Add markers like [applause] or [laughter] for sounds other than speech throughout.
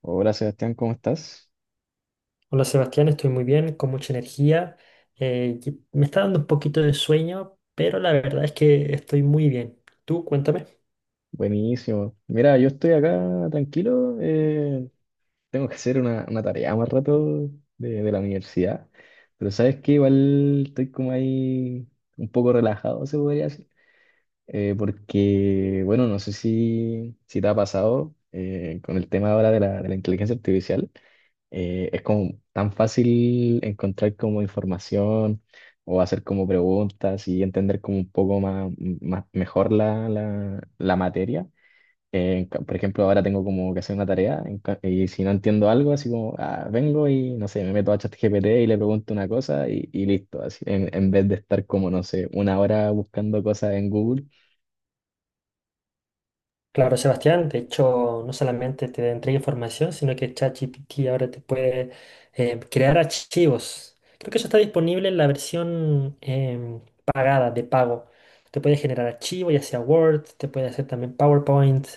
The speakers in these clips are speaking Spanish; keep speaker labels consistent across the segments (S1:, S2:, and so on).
S1: Hola Sebastián, ¿cómo estás?
S2: Hola Sebastián, estoy muy bien, con mucha energía. Y me está dando un poquito de sueño, pero la verdad es que estoy muy bien. Tú, cuéntame.
S1: Buenísimo. Mira, yo estoy acá tranquilo. Tengo que hacer una tarea más rato de la universidad. Pero sabes que igual estoy como ahí un poco relajado, se podría decir. Porque, bueno, no sé si te ha pasado con el tema ahora de la inteligencia artificial, es como tan fácil encontrar como información o hacer como preguntas y entender como un poco más mejor la materia. Por ejemplo, ahora tengo como que hacer una tarea y si no entiendo algo, así como ah, vengo y no sé, me meto a ChatGPT y le pregunto una cosa y listo, así en vez de estar como, no sé, una hora buscando cosas en Google.
S2: Claro, Sebastián, de hecho, no solamente te entrega información, sino que ChatGPT ahora te puede crear archivos. Creo que eso está disponible en la versión pagada, de pago. Te puede generar archivos, ya sea Word, te puede hacer también PowerPoint.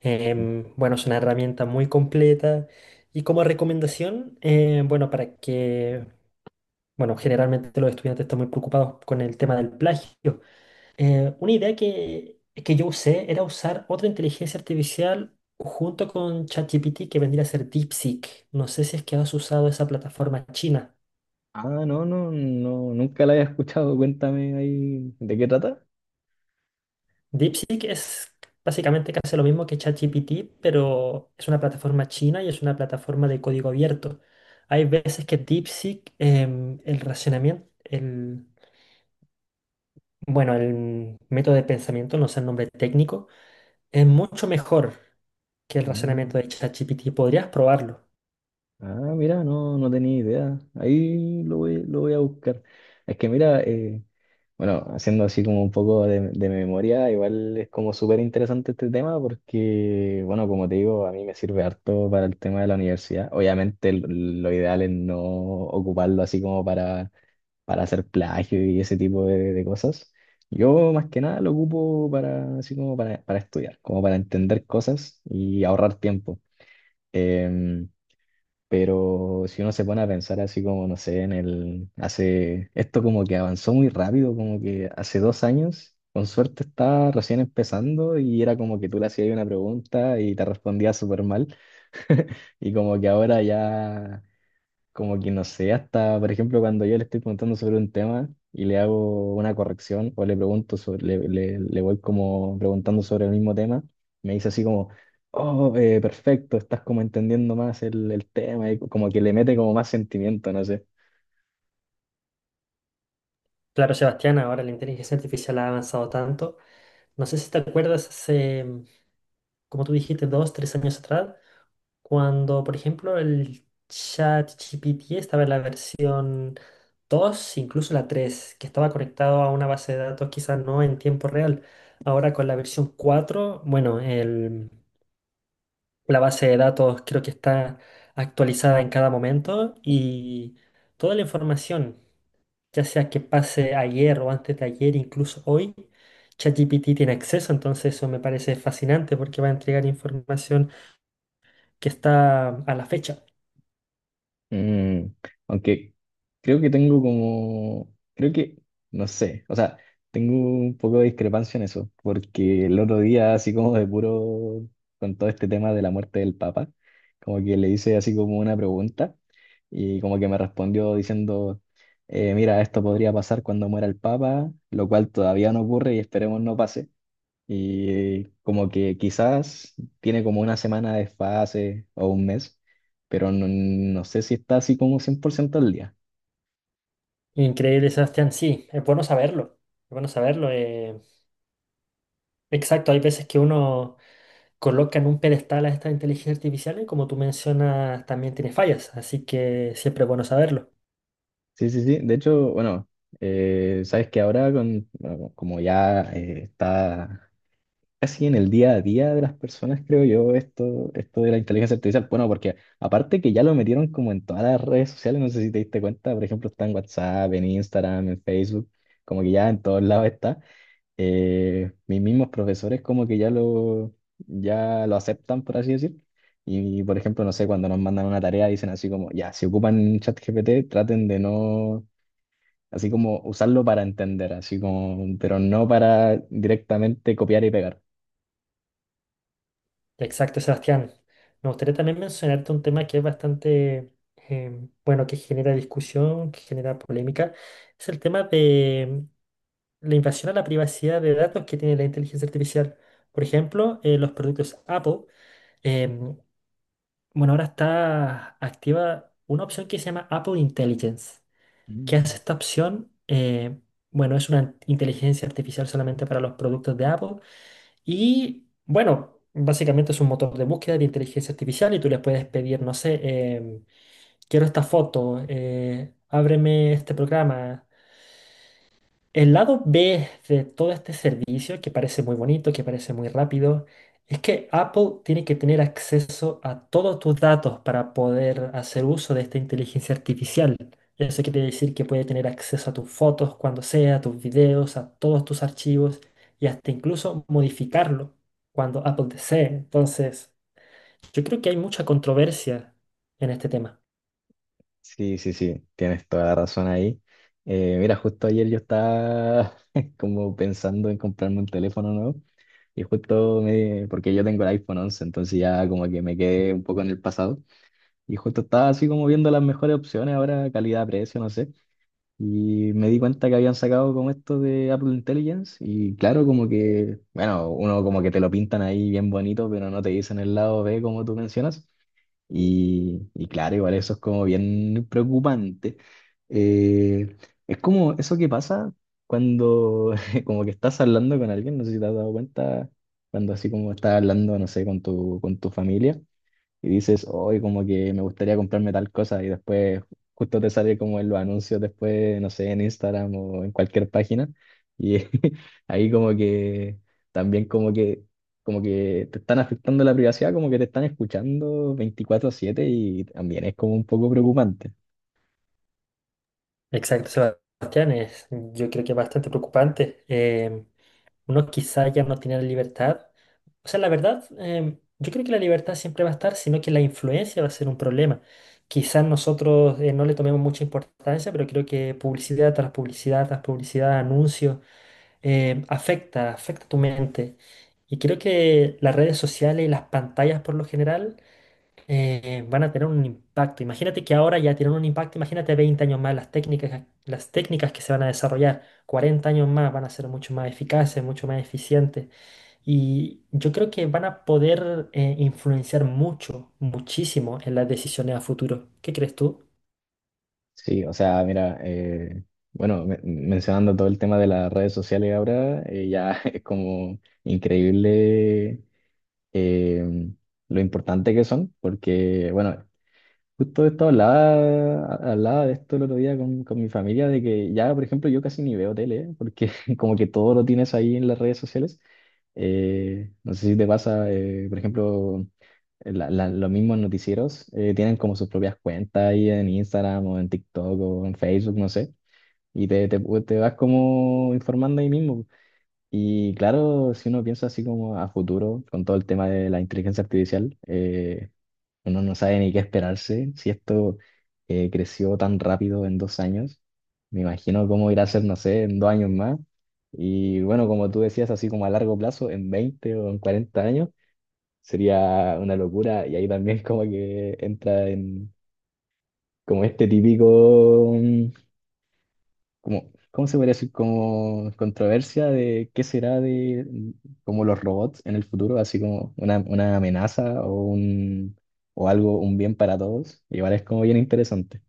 S2: Bueno, es una herramienta muy completa y como recomendación, bueno, para que, bueno, generalmente los estudiantes están muy preocupados con el tema del plagio. Una idea que yo usé era usar otra inteligencia artificial junto con ChatGPT que vendría a ser DeepSeek. No sé si es que has usado esa plataforma china.
S1: Ah, no, no, no, nunca la había escuchado. Cuéntame ahí de qué trata.
S2: DeepSeek es básicamente casi lo mismo que ChatGPT, pero es una plataforma china y es una plataforma de código abierto. Hay veces que DeepSeek, el racionamiento, bueno, el método de pensamiento, no sé el nombre técnico, es mucho mejor que el razonamiento
S1: Mm.
S2: de ChatGPT. Podrías probarlo.
S1: Ah, mira, no, no tenía idea. Ahí lo voy a buscar. Es que mira, bueno, haciendo así como un poco de memoria, igual es como súper interesante este tema porque, bueno, como te digo, a mí me sirve harto para el tema de la universidad. Obviamente lo ideal es no ocuparlo así como para hacer plagio y ese tipo de cosas. Yo más que nada lo ocupo para, así como para estudiar, como para entender cosas y ahorrar tiempo. Em, pero si uno se pone a pensar así como, no sé, esto como que avanzó muy rápido, como que hace 2 años, con suerte estaba recién empezando y era como que tú le hacías una pregunta y te respondía súper mal y como que ahora ya como que no sé, hasta por ejemplo cuando yo le estoy preguntando sobre un tema y le hago una corrección o le pregunto sobre, le voy como preguntando sobre el mismo tema, me dice así como, oh, perfecto, estás como entendiendo más el tema y como que le mete como más sentimiento, no sé.
S2: Claro, Sebastián, ahora la inteligencia artificial ha avanzado tanto. No sé si te acuerdas hace, como tú dijiste, dos, tres años atrás. Cuando, por ejemplo, el ChatGPT estaba en la versión 2, incluso la 3, que estaba conectado a una base de datos, quizás no en tiempo real. Ahora con la versión 4, bueno, la base de datos creo que está actualizada en cada momento y toda la información, ya sea que pase ayer o antes de ayer, incluso hoy, ChatGPT tiene acceso, entonces eso me parece fascinante porque va a entregar información que está a la fecha.
S1: Mm, aunque creo que tengo como, creo que, no sé, o sea, tengo un poco de discrepancia en eso, porque el otro día, así como de puro, con todo este tema de la muerte del Papa, como que le hice así como una pregunta y como que me respondió diciendo, mira, esto podría pasar cuando muera el Papa, lo cual todavía no ocurre y esperemos no pase. Y como que quizás tiene como una semana de desfase o un mes, pero no, no sé si está así como 100% al día.
S2: Increíble, Sebastián. Sí, es bueno saberlo. Es bueno saberlo. Exacto, hay veces que uno coloca en un pedestal a esta inteligencia artificial y como tú mencionas, también tiene fallas. Así que siempre es bueno saberlo.
S1: Sí, sí, sí. De hecho, bueno, sabes que ahora con, bueno, como ya está casi en el día a día de las personas, creo yo, esto de la inteligencia artificial, bueno, porque aparte que ya lo metieron como en todas las redes sociales, no sé si te diste cuenta, por ejemplo, está en WhatsApp, en Instagram, en Facebook, como que ya en todos lados está. Mis mismos profesores como que ya lo aceptan, por así decir. Y, por ejemplo, no sé, cuando nos mandan una tarea dicen así como, ya, si ocupan ChatGPT, traten de no, así como usarlo para entender, así como, pero no para directamente copiar y pegar.
S2: Exacto, Sebastián. Me gustaría también mencionarte un tema que es bastante, bueno, que genera discusión, que genera polémica. Es el tema de la invasión a la privacidad de datos que tiene la inteligencia artificial. Por ejemplo, los productos Apple. em, Bueno, ahora está activa una opción que se llama Apple Intelligence. ¿Qué hace
S1: Mm.
S2: esta opción? Bueno, es una inteligencia artificial solamente para los productos de Apple. Y bueno, básicamente es un motor de búsqueda de inteligencia artificial y tú le puedes pedir, no sé, quiero esta foto, ábreme este programa. El lado B de todo este servicio, que parece muy bonito, que parece muy rápido, es que Apple tiene que tener acceso a todos tus datos para poder hacer uso de esta inteligencia artificial. Eso quiere decir que puede tener acceso a tus fotos cuando sea, a tus videos, a todos tus archivos y hasta incluso modificarlo cuando Apple desee. Entonces, yo creo que hay mucha controversia en este tema.
S1: Sí, sí, sí, tienes toda la razón ahí. Mira, justo ayer yo estaba [laughs] como pensando en comprarme un teléfono nuevo y porque yo tengo el iPhone 11 entonces ya como que me quedé un poco en el pasado. Y justo estaba así como viendo las mejores opciones ahora, calidad-precio, no sé. Y me di cuenta que habían sacado como esto de Apple Intelligence. Y claro, como que, bueno, uno como que te lo pintan ahí bien bonito, pero no te dicen el lado B como tú mencionas. Y claro, igual eso es como bien preocupante. Eh, es como eso que pasa cuando [laughs] como que estás hablando con alguien, no sé si te has dado cuenta, cuando así como estás hablando, no sé, con tu, familia y dices, hoy como que me gustaría comprarme tal cosa y después justo te sale como en los anuncios después, no sé, en Instagram o en cualquier página y [laughs] ahí como que también como que te están afectando la privacidad, como que te están escuchando 24/7 y también es como un poco preocupante.
S2: Exacto, Sebastián, yo creo que es bastante preocupante. Uno quizá ya no tiene la libertad. O sea, la verdad, yo creo que la libertad siempre va a estar, sino que la influencia va a ser un problema. Quizás nosotros no le tomemos mucha importancia, pero creo que publicidad tras publicidad, tras publicidad, anuncios, afecta, afecta tu mente. Y creo que las redes sociales y las pantallas por lo general van a tener un impacto. Imagínate que ahora ya tienen un impacto, imagínate 20 años más las técnicas que se van a desarrollar, 40 años más van a ser mucho más eficaces, mucho más eficientes. Y yo creo que van a poder influenciar mucho, muchísimo en las decisiones a futuro. ¿Qué crees tú?
S1: Sí, o sea, mira, bueno, mencionando todo el tema de las redes sociales ahora, ya [laughs] es como increíble eh, lo importante que son, porque, bueno, justo de esto hablaba de esto el otro día con mi familia, de que ya, por ejemplo, yo casi ni veo tele, ¿eh? Porque [laughs] como que todo lo tienes ahí en las redes sociales. No sé si te pasa, por ejemplo, los mismos noticieros tienen como sus propias cuentas ahí en Instagram o en TikTok o en Facebook, no sé, y te vas como informando ahí mismo. Y claro, si uno piensa así como a futuro, con todo el tema de la inteligencia artificial, uno no sabe ni qué esperarse. Si esto creció tan rápido en 2 años, me imagino cómo irá a ser, no sé, en 2 años más. Y bueno, como tú decías, así como a largo plazo, en 20 o en 40 años, sería una locura. Y ahí también como que entra en como este típico, como, ¿cómo se podría decir? Como controversia de qué será de como los robots en el futuro, así como una, amenaza o algo, un bien para todos. Igual es como bien interesante.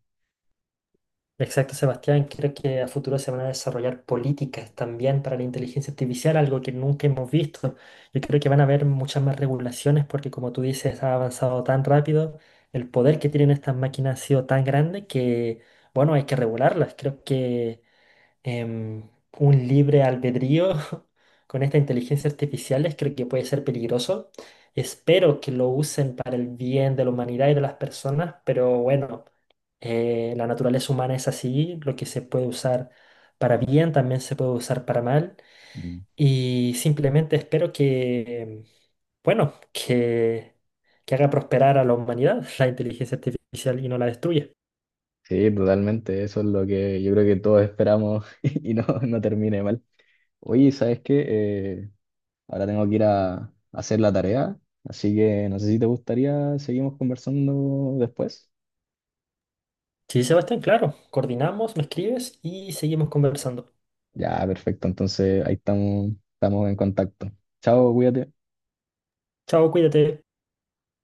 S2: Exacto, Sebastián. Creo que a futuro se van a desarrollar políticas también para la inteligencia artificial, algo que nunca hemos visto. Yo creo que van a haber muchas más regulaciones porque, como tú dices, ha avanzado tan rápido, el poder que tienen estas máquinas ha sido tan grande que, bueno, hay que regularlas. Creo que em, un libre albedrío [laughs] con esta inteligencia artificial, creo que puede ser peligroso. Espero que lo usen para el bien de la humanidad y de las personas, pero bueno, la naturaleza humana es así, lo que se puede usar para bien también se puede usar para mal.
S1: Mm.
S2: Y simplemente espero que, bueno, que haga prosperar a la humanidad [laughs] la inteligencia artificial y no la destruya.
S1: Sí, totalmente. Eso es lo que yo creo que todos esperamos [laughs] y no, no termine mal. Oye, ¿sabes qué? Ahora tengo que ir a hacer la tarea, así que no sé si te gustaría, seguimos conversando después.
S2: Sí, Sebastián, claro, coordinamos, me escribes y seguimos conversando.
S1: Ya, perfecto. Entonces ahí estamos, estamos en contacto. Chao, cuídate.
S2: Chao, cuídate.